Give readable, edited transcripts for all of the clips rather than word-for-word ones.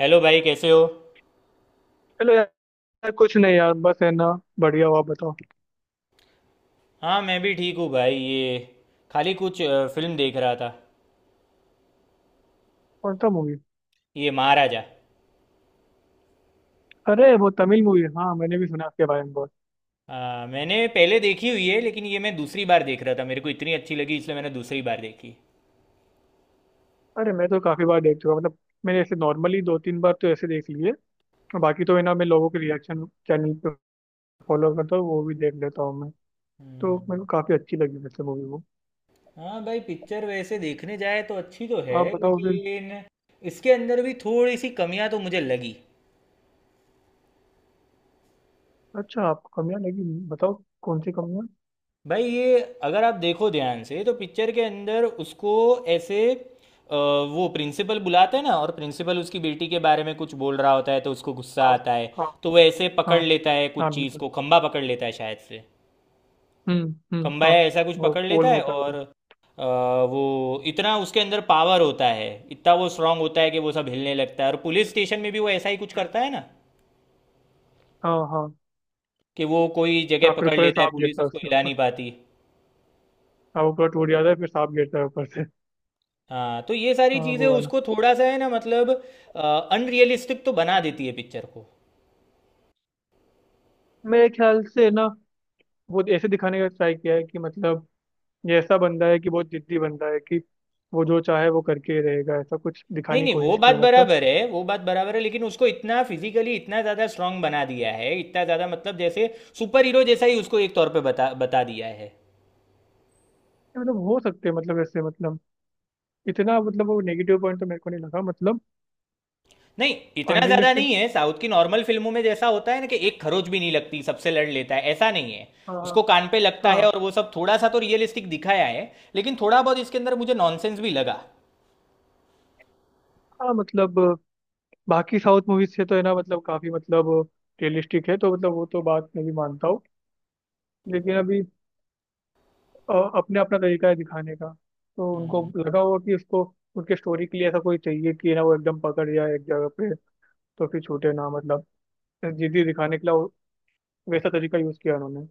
Hello भाई, कैसे हो। चलो यार। कुछ नहीं यार, बस है ना। बढ़िया हुआ, बताओ। हाँ, मैं भी ठीक हूँ भाई। ये खाली कुछ फिल्म देख रहा था। कौन सा मूवी? ये महाराजा। अरे वो तमिल मूवी, हाँ मैंने भी सुना उसके बारे में बहुत। मैंने पहले देखी हुई है, लेकिन ये मैं दूसरी बार देख रहा था। मेरे को इतनी अच्छी लगी इसलिए मैंने दूसरी बार देखी। अरे मैं तो काफी बार देख चुका हूँ, मतलब मैंने ऐसे नॉर्मली दो तीन बार तो ऐसे देख लिए। और बाकी तो है ना, मैं लोगों के रिएक्शन चैनल पे फॉलो करता हूँ, वो भी देख लेता हूँ मैं। तो मेरे हम्म। को काफी अच्छी लगी वैसे मूवी वो। हाँ भाई, पिक्चर वैसे देखने जाए तो अच्छी तो है, आप बताओ फिर। लेकिन इसके अंदर भी थोड़ी सी कमियां तो मुझे लगी। अच्छा, आपको कमियाँ लगी? बताओ कौन सी कमियाँ। भाई ये अगर आप देखो ध्यान से तो पिक्चर के अंदर उसको ऐसे वो प्रिंसिपल बुलाते हैं ना, और प्रिंसिपल उसकी बेटी के बारे में कुछ बोल रहा होता है तो उसको गुस्सा हाँ। आता है। हाँ। तो वो ऐसे पकड़ हाँ। लेता है कुछ हाँ चीज़ बिल्कुल। को, खंबा पकड़ लेता है शायद से। हम्म। खंबा हाँ। या ऐसा कुछ वो पकड़ लेता पोल है, होता है और उधर। वो इतना उसके अंदर पावर होता है, इतना वो स्ट्रांग होता है कि वो सब हिलने लगता है। और पुलिस स्टेशन में भी वो ऐसा ही कुछ हम्म, करता है ना, हाँ हाँ। कि वो कोई हाँ, जगह फिर पकड़ ऊपर से लेता है, सांप पुलिस गिरता है उसको उसके हिला ऊपर। नहीं पाती। हाँ, वो पूरा टूट जाता है, फिर सांप गिरता है ऊपर से। हाँ, तो ये सारी हाँ चीज़ें वो वाला। उसको थोड़ा सा है ना, मतलब अनरियलिस्टिक तो बना देती है पिक्चर को। मेरे ख्याल से ना, वो ऐसे दिखाने का ट्राई किया है कि मतलब ये ऐसा बंदा है कि बहुत जिद्दी बंदा है कि वो जो चाहे वो करके ही रहेगा, ऐसा कुछ नहीं दिखाने की नहीं, वो कोशिश की बात है मतलब। बराबर है, वो बात बराबर है, लेकिन उसको इतना फिजिकली इतना ज़्यादा स्ट्रांग बना दिया है, इतना ज़्यादा, मतलब जैसे सुपर हीरो जैसा ही उसको एक तौर पे बता बता दिया है। ये मतलब हो सकते हैं मतलब ऐसे मतलब इतना मतलब वो नेगेटिव पॉइंट तो मेरे को नहीं लगा मतलब नहीं, इतना ज़्यादा अनरियलिस्टिक। नहीं है। साउथ की नॉर्मल फिल्मों में जैसा होता है ना कि एक खरोच भी नहीं लगती, सबसे लड़ लेता है, ऐसा नहीं है। हाँ हाँ। उसको कान पे लगता है, हाँ, और वो सब थोड़ा सा तो रियलिस्टिक दिखाया है, लेकिन थोड़ा बहुत इसके अंदर मुझे नॉनसेंस भी लगा। हाँ, मतलब बाकी साउथ मूवीज से तो है ना मतलब काफी मतलब रियलिस्टिक है तो मतलब वो तो बात मैं भी मानता हूँ। लेकिन अभी अपने अपना तरीका है दिखाने का। तो उनको हम्म, लगा होगा कि उसको उनके स्टोरी के लिए ऐसा कोई चाहिए कि ना वो एकदम पकड़ जाए एक जगह पे, तो फिर छूटे ना मतलब। जिद्दी दिखाने के लिए वैसा तरीका यूज किया उन्होंने।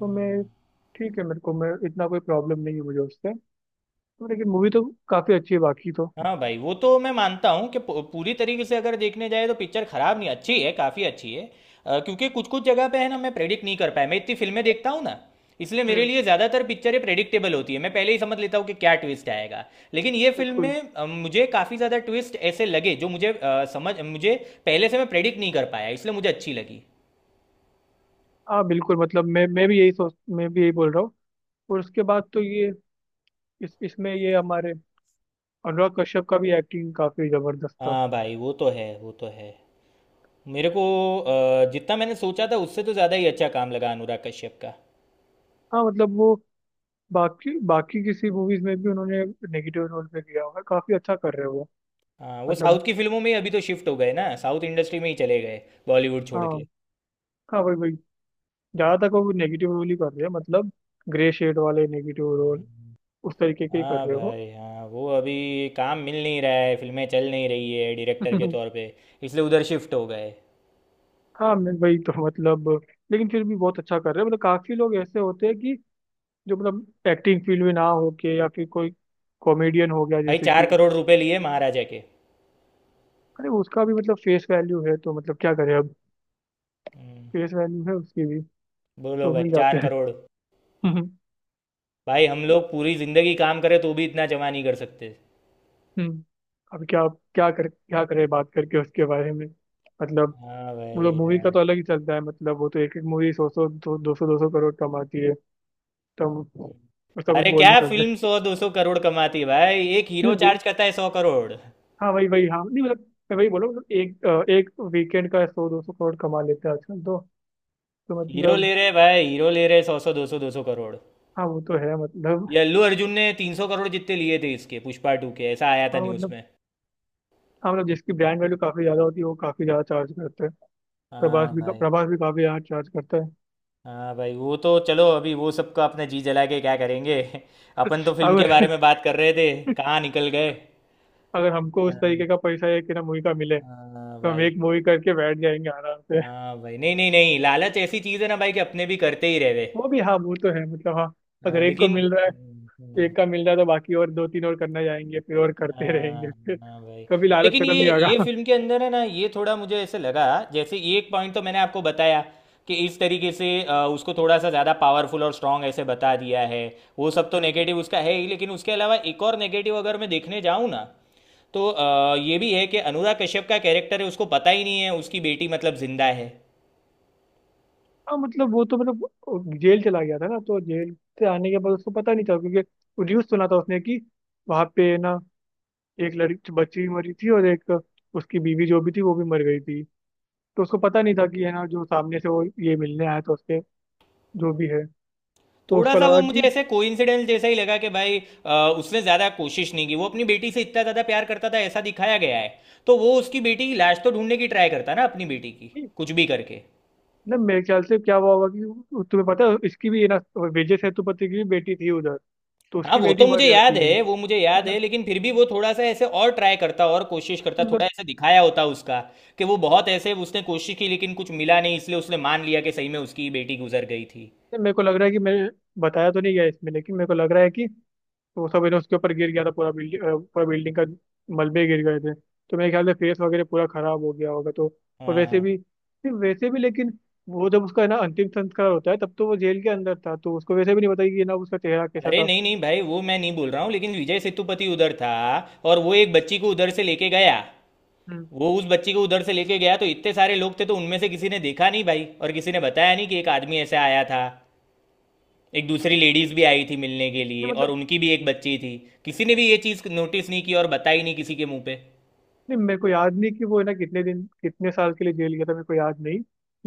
तो मैं ठीक है, मेरे को, मैं इतना कोई प्रॉब्लम नहीं है मुझे उससे। तो लेकिन मूवी तो काफी अच्छी है बाकी तो। हाँ भाई, वो तो मैं मानता हूँ कि पूरी तरीके से अगर देखने जाए तो पिक्चर खराब नहीं, अच्छी है, काफ़ी अच्छी है। क्योंकि कुछ कुछ जगह पे है ना, मैं प्रेडिक्ट नहीं कर पाया। मैं इतनी फिल्में देखता हूँ ना, इसलिए मेरे हम्म। लिए ज़्यादातर पिक्चरें प्रेडिक्टेबल होती है। मैं पहले ही समझ लेता हूँ कि क्या ट्विस्ट आएगा, लेकिन ये फिल्म बिल्कुल। में मुझे काफ़ी ज़्यादा ट्विस्ट ऐसे लगे जो मुझे समझ, मुझे पहले से मैं प्रेडिक्ट नहीं कर पाया, इसलिए मुझे अच्छी लगी। हाँ बिल्कुल मतलब मैं भी यही सोच मैं भी यही बोल रहा हूँ। और उसके बाद तो ये इस इसमें ये हमारे अनुराग कश्यप का भी एक्टिंग काफी जबरदस्त था। हाँ भाई, वो तो है, वो तो है। मेरे को जितना मैंने सोचा था उससे तो ज़्यादा ही अच्छा काम लगा अनुराग कश्यप का। हाँ मतलब वो बाकी बाकी किसी मूवीज में भी उन्होंने नेगेटिव रोल पे किया हुआ है, काफी अच्छा कर रहे हैं वो। हाँ, वो मतलब। साउथ की फिल्मों में ही अभी तो शिफ्ट हो गए ना, साउथ इंडस्ट्री में ही चले गए, बॉलीवुड छोड़ हाँ के। हाँ, वही वही, ज्यादातर को नेगेटिव रोल ही कर रहे हैं मतलब ग्रे शेड वाले नेगेटिव रोल, उस तरीके के ही कर हाँ रहे हो। भाई, हाँ वो अभी काम मिल नहीं रहा है, फिल्में चल नहीं रही है डायरेक्टर के तौर पे, इसलिए उधर शिफ्ट हो गए। हाँ, मैं वही तो मतलब लेकिन फिर भी बहुत अच्छा कर रहे हैं मतलब। काफी लोग ऐसे होते हैं कि जो मतलब एक्टिंग फील्ड में ना हो के या फिर कोई कॉमेडियन हो गया भाई जैसे चार कि, करोड़ रुपए लिए महाराजा के। अरे, उसका भी मतलब फेस वैल्यू है, तो मतलब क्या करें अब। हम्म, फेस वैल्यू है उसकी भी। बोलो तो मिल भाई, चार जाते करोड़ हैं। भाई हम लोग पूरी जिंदगी काम करें तो भी इतना जमा नहीं कर सकते। हम्म। अब क्या, क्या कर क्या करे बात करके उसके बारे में मतलब। हाँ वो लोग भाई मूवी का यार। तो अलग ही चलता है मतलब वो तो एक एक मूवी सौ सौ, दो दो सौ, दो सौ करोड़ कमाती है। तो हम उसका कुछ अरे क्या बोल नहीं सकते। फिल्म सौ दो सौ करोड़ कमाती है भाई। एक हीरो नहीं, नहीं, चार्ज करता है 100 करोड़। हाँ वही वही, हाँ, नहीं मतलब मैं वही बोलो मतलब एक वीकेंड का सौ दो सौ करोड़ कमा लेते हैं आजकल तो हीरो ले मतलब। रहे भाई, हीरो ले रहे सौ सौ दो सौ दो सौ करोड़। हाँ वो तो है मतलब। ये अल्लू अर्जुन ने 300 करोड़ जितने लिए थे इसके पुष्पा टू के, ऐसा आया था हाँ न्यूज़ मतलब। में। हाँ मतलब जिसकी ब्रांड वैल्यू काफी ज्यादा होती है वो काफी ज्यादा चार्ज करते हैं। प्रभास हाँ भी भाई। प्रभास भी काफी ज्यादा चार्ज करता है। हाँ भाई, वो तो चलो, अभी वो सबका अपने जी जला के क्या करेंगे। अपन तो फिल्म के बारे अगर में बात कर रहे थे, कहाँ निकल गए। अगर हमको उस हाँ। तरीके का पैसा एक ना मूवी का मिले हाँ तो हम भाई। एक मूवी करके बैठ जाएंगे आराम से। हाँ भाई, नहीं नहीं नहीं, लालच ऐसी चीज़ है ना भाई, कि अपने भी करते ही रहे। वो भी, हाँ वो तो है मतलब। हाँ, हाँ, अगर एक को लेकिन। मिल रहा हम्म, है हम्म। एक का मिल रहा है तो बाकी और दो तीन और करना जाएंगे फिर और करते हाँ। रहेंगे फिर। हाँ भाई, कभी और लालच लेकिन खत्म नहीं ये होगा। फिल्म के अंदर है ना, ये थोड़ा मुझे ऐसे लगा, जैसे ये एक पॉइंट तो मैंने आपको बताया, कि इस तरीके से उसको थोड़ा सा ज़्यादा पावरफुल और स्ट्रांग ऐसे बता दिया है। वो सब तो हम्म। नेगेटिव उसका है ही, लेकिन उसके अलावा एक और नेगेटिव अगर मैं देखने जाऊँ ना, तो ये भी है कि अनुराग कश्यप का कैरेक्टर है, उसको पता ही नहीं है उसकी बेटी मतलब जिंदा है। हाँ मतलब वो तो मतलब वो जेल चला गया था ना, तो जेल से आने के बाद उसको पता नहीं था क्योंकि न्यूज सुना था उसने कि वहां पे ना एक लड़की बच्ची भी मरी थी और एक उसकी बीवी जो भी थी वो भी मर गई थी। तो उसको पता नहीं था कि है ना जो सामने से वो ये मिलने आया था उसके, जो भी है, तो थोड़ा उसको सा लगा वो मुझे ऐसे कोइंसिडेंस जैसा ही लगा कि भाई उसने ज़्यादा कोशिश नहीं की। वो अपनी बेटी से इतना ज़्यादा प्यार करता था ऐसा दिखाया गया है, तो वो उसकी बेटी की लाश तो ढूंढने की ट्राई करता ना, अपनी बेटी की, कि कुछ भी करके। ना, मेरे ख्याल से क्या हुआ होगा कि तुम्हें पता है इसकी भी ये ना विजय सेतुपति की भी बेटी थी उधर, तो हाँ उसकी वो बेटी तो मुझे मर याद जाती है है, वो मुझे याद है, मतलब। लेकिन फिर भी वो थोड़ा सा ऐसे और ट्राई करता, और कोशिश कि करता, थोड़ा मतलब ऐसे दिखाया होता उसका, कि वो बहुत ऐसे उसने कोशिश की लेकिन कुछ मिला नहीं, इसलिए उसने मान लिया कि सही में उसकी बेटी गुजर गई थी। मेरे को लग रहा है कि मैंने बताया तो नहीं गया इसमें लेकिन मेरे को लग रहा है कि वो सब है ना उसके ऊपर गिर गया था पूरा बिल्डिंग, पूरा बिल्डिंग का मलबे गिर गए थे, तो मेरे ख्याल से फेस वगैरह पूरा खराब हो गया होगा तो। और हाँ वैसे हाँ। भी, सिर्फ वैसे भी, लेकिन वो जब उसका है ना अंतिम संस्कार होता है तब तो वो जेल के अंदर था, तो उसको वैसे भी नहीं पता कि ये ना उसका चेहरा कैसा अरे था। नहीं नहीं भाई, वो मैं नहीं बोल रहा हूँ, लेकिन विजय सेतुपति उधर था और वो एक बच्ची को उधर से लेके गया। हम्म। वो उस बच्ची को उधर से लेके गया, तो इतने सारे लोग थे तो उनमें से किसी ने देखा नहीं भाई, और किसी ने बताया नहीं कि एक आदमी ऐसे आया था। एक दूसरी लेडीज भी आई थी मिलने के ये लिए, और मतलब उनकी भी एक बच्ची थी। किसी ने भी ये चीज़ नोटिस नहीं की और बताई नहीं किसी के मुंह पे। नहीं, मेरे को याद नहीं कि वो है ना कितने दिन कितने साल के लिए जेल गया था, मेरे को याद नहीं।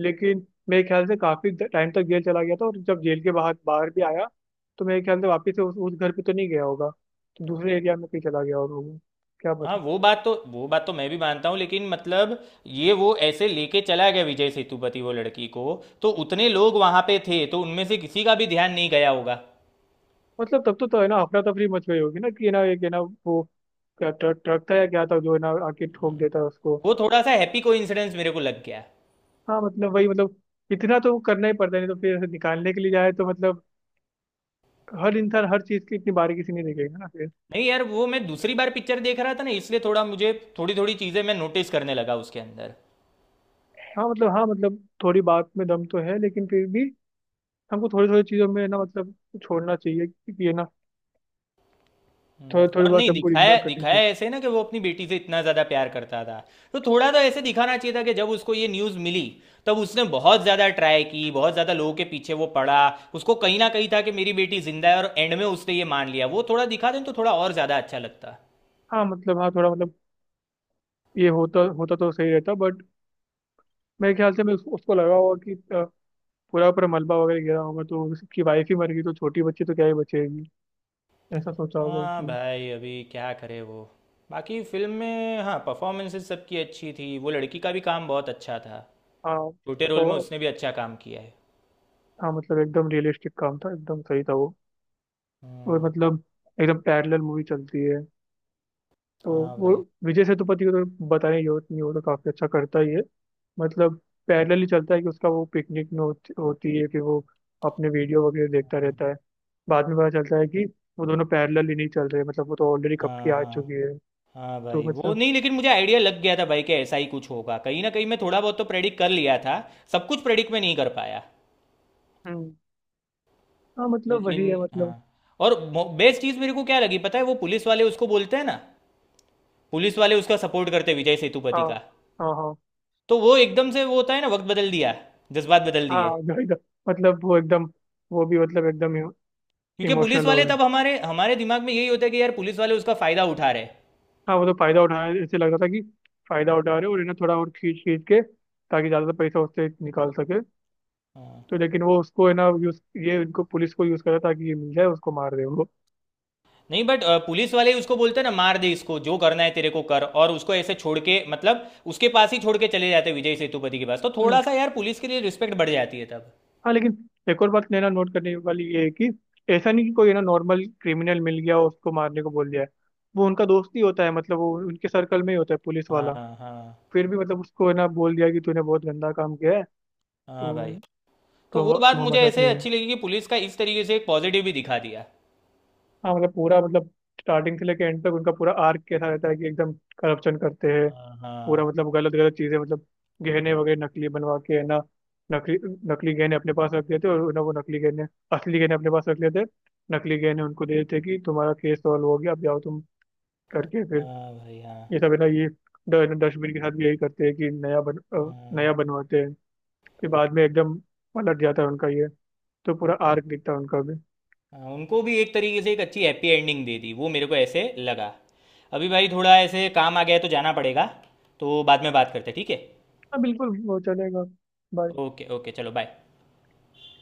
लेकिन मेरे ख्याल से काफी टाइम तक जेल चला गया था और जब जेल के बाहर बाहर भी आया, तो मेरे ख्याल से वापस से उस घर पे तो नहीं गया होगा, तो दूसरे एरिया में कहीं चला गया होगा वो। क्या हाँ पता। वो बात तो, वो बात तो मैं भी मानता हूँ, लेकिन मतलब ये वो ऐसे लेके चला गया विजय सेतुपति वो लड़की को, तो उतने लोग वहाँ पे थे तो उनमें से किसी का भी ध्यान नहीं गया होगा। मतलब तब तो है ना अफरा तफरी मच गई होगी ना कि है ना एक है ना वो, क्या ट्रक ट्रक था या क्या था जो है ना आके ठोक देता है उसको। वो थोड़ा सा हैप्पी कोइंसिडेंस मेरे को लग गया। हाँ मतलब वही मतलब इतना तो करना ही पड़ता है, नहीं तो फिर ऐसे निकालने के लिए जाए तो मतलब हर इंसान हर चीज की इतनी बारीकी से नहीं देखेगा ना। नहीं यार, वो मैं दूसरी बार पिक्चर देख रहा था ना, इसलिए थोड़ा मुझे थोड़ी थोड़ी चीजें मैं नोटिस करने लगा उसके अंदर। हाँ मतलब, हाँ मतलब थोड़ी बात में दम तो है लेकिन फिर भी हमको थोड़ी थोड़ी चीज़ों में ना मतलब छोड़ना चाहिए कि ये ना, थोड़ी थोड़ी और बात नहीं हमको दिखाया, इग्नोर करनी दिखाया चाहिए। ऐसे ना कि वो अपनी बेटी से इतना ज्यादा प्यार करता था, तो थोड़ा तो ऐसे दिखाना चाहिए था कि जब उसको ये न्यूज मिली, तब उसने बहुत ज्यादा ट्राई की, बहुत ज्यादा लोगों के पीछे वो पड़ा। उसको कहीं ना कहीं था कि मेरी बेटी जिंदा है, और एंड में उसने ये मान लिया, वो थोड़ा दिखा दें तो थोड़ा और ज्यादा अच्छा लगता। हाँ मतलब, हाँ थोड़ा मतलब ये होता होता तो सही रहता, बट मेरे ख्याल से मैं उसको लगा होगा कि पूरा पूरा मलबा वगैरह गिरा होगा तो उसकी वाइफ ही मर गई तो छोटी बच्ची तो क्या ही बचेगी, ऐसा सोचा होगा हाँ उसने। भाई, अभी क्या करे वो। बाकी फिल्म में हाँ, परफॉर्मेंसेस सबकी अच्छी थी। वो लड़की का भी काम बहुत अच्छा था, हाँ छोटे रोल में तो। उसने भी अच्छा काम किया है। हाँ मतलब एकदम रियलिस्टिक काम था, एकदम सही था वो। और हम्म। मतलब एकदम पैरेलल मूवी चलती है तो हाँ वो भाई। विजय सेतुपति को तो बताने की जरूरत नहीं, वो तो काफ़ी अच्छा करता ही है मतलब। पैरेलल ही चलता है कि उसका वो पिकनिक में होती है कि वो अपने वीडियो वगैरह देखता हाँ रहता है। बाद में पता चलता है कि वो दोनों पैरेलल ही नहीं चल रहे, मतलब वो तो ऑलरेडी कब की हाँ। आ हाँ। चुकी है। हाँ भाई, तो वो मतलब नहीं, लेकिन मुझे आइडिया लग गया था भाई कि ऐसा ही कुछ होगा कहीं ना कहीं, मैं थोड़ा बहुत तो प्रेडिक्ट कर लिया था, सब कुछ प्रेडिक्ट में नहीं कर पाया। हम्म। हाँ मतलब वही लेकिन है हाँ, मतलब। और बेस्ट चीज़ मेरे को क्या लगी पता है, वो पुलिस वाले उसको बोलते हैं ना, पुलिस वाले उसका सपोर्ट करते हैं विजय सेतुपति हाँ का। हाँ हाँ। तो वो एकदम से वो होता है ना, वक्त बदल दिया, जज्बात बदल हाँ दिए। जो एकदम, मतलब वो एकदम, वो भी मतलब एकदम क्योंकि पुलिस इमोशनल हो वाले गए। तब हमारे हमारे दिमाग में यही होता है कि यार पुलिस वाले उसका फायदा उठा रहे हाँ वो तो फायदा उठा रहे ऐसे लग रहा था कि फायदा उठा रहे और है ना थोड़ा और खींच खींच के, ताकि ज्यादा पैसा उससे निकाल सके। हैं। तो लेकिन वो उसको है ना यूज ये इनको पुलिस को यूज करा ताकि ये मिल जाए उसको मार दे। नहीं बट पुलिस वाले ही उसको बोलते हैं ना मार दे इसको, जो करना है तेरे को कर, और उसको ऐसे छोड़ के, मतलब उसके पास ही छोड़ के चले जाते हैं विजय सेतुपति के पास, तो हम्म। थोड़ा सा यार पुलिस के लिए रिस्पेक्ट बढ़ जाती है तब। हाँ लेकिन एक और बात लेना नोट करने वाली ये है कि ऐसा नहीं कि कोई है ना नॉर्मल क्रिमिनल मिल गया और उसको मारने को बोल दिया है, वो उनका दोस्त ही होता है मतलब वो उनके सर्कल में ही होता है पुलिस हाँ वाला, हाँ। फिर भी मतलब उसको है ना बोल दिया कि तूने बहुत गंदा काम किया है, हाँ तो भाई, तो वो तुम बात तुम मुझे हमारे साथ ऐसे नहीं अच्छी हो। लगी कि पुलिस का इस तरीके से एक पॉजिटिव भी दिखा दिया। हाँ मतलब पूरा मतलब स्टार्टिंग से लेके एंड तक उनका पूरा आर्क कैसा रहता है कि एकदम करप्शन करते हैं, हाँ पूरा हाँ। मतलब गलत गलत चीजें मतलब गहने वगैरह नकली बनवा के है ना, नकली, नकली गहने अपने पास रख लेते और ना वो नकली गहने, असली गहने अपने पास रख लेते, नकली गहने उनको दे देते कि तुम्हारा केस सॉल्व हो गया अब जाओ तुम, करके फिर हाँ भाई। हाँ ये सब है ना, ये डस्टबिन के साथ भी यही करते हैं कि हाँ। नया बनवाते हैं, फिर बाद में एकदम पलट जाता है उनका ये तो पूरा आर्क दिखता है उनका भी। हाँ, उनको भी एक तरीके से एक अच्छी हैप्पी एंडिंग दे दी, वो मेरे को ऐसे लगा। अभी भाई थोड़ा ऐसे काम आ गया है, तो जाना पड़ेगा। तो बाद में बात करते हैं, ठीक है। हाँ बिल्कुल वो चलेगा। Bye. ओके ओके, चलो बाय।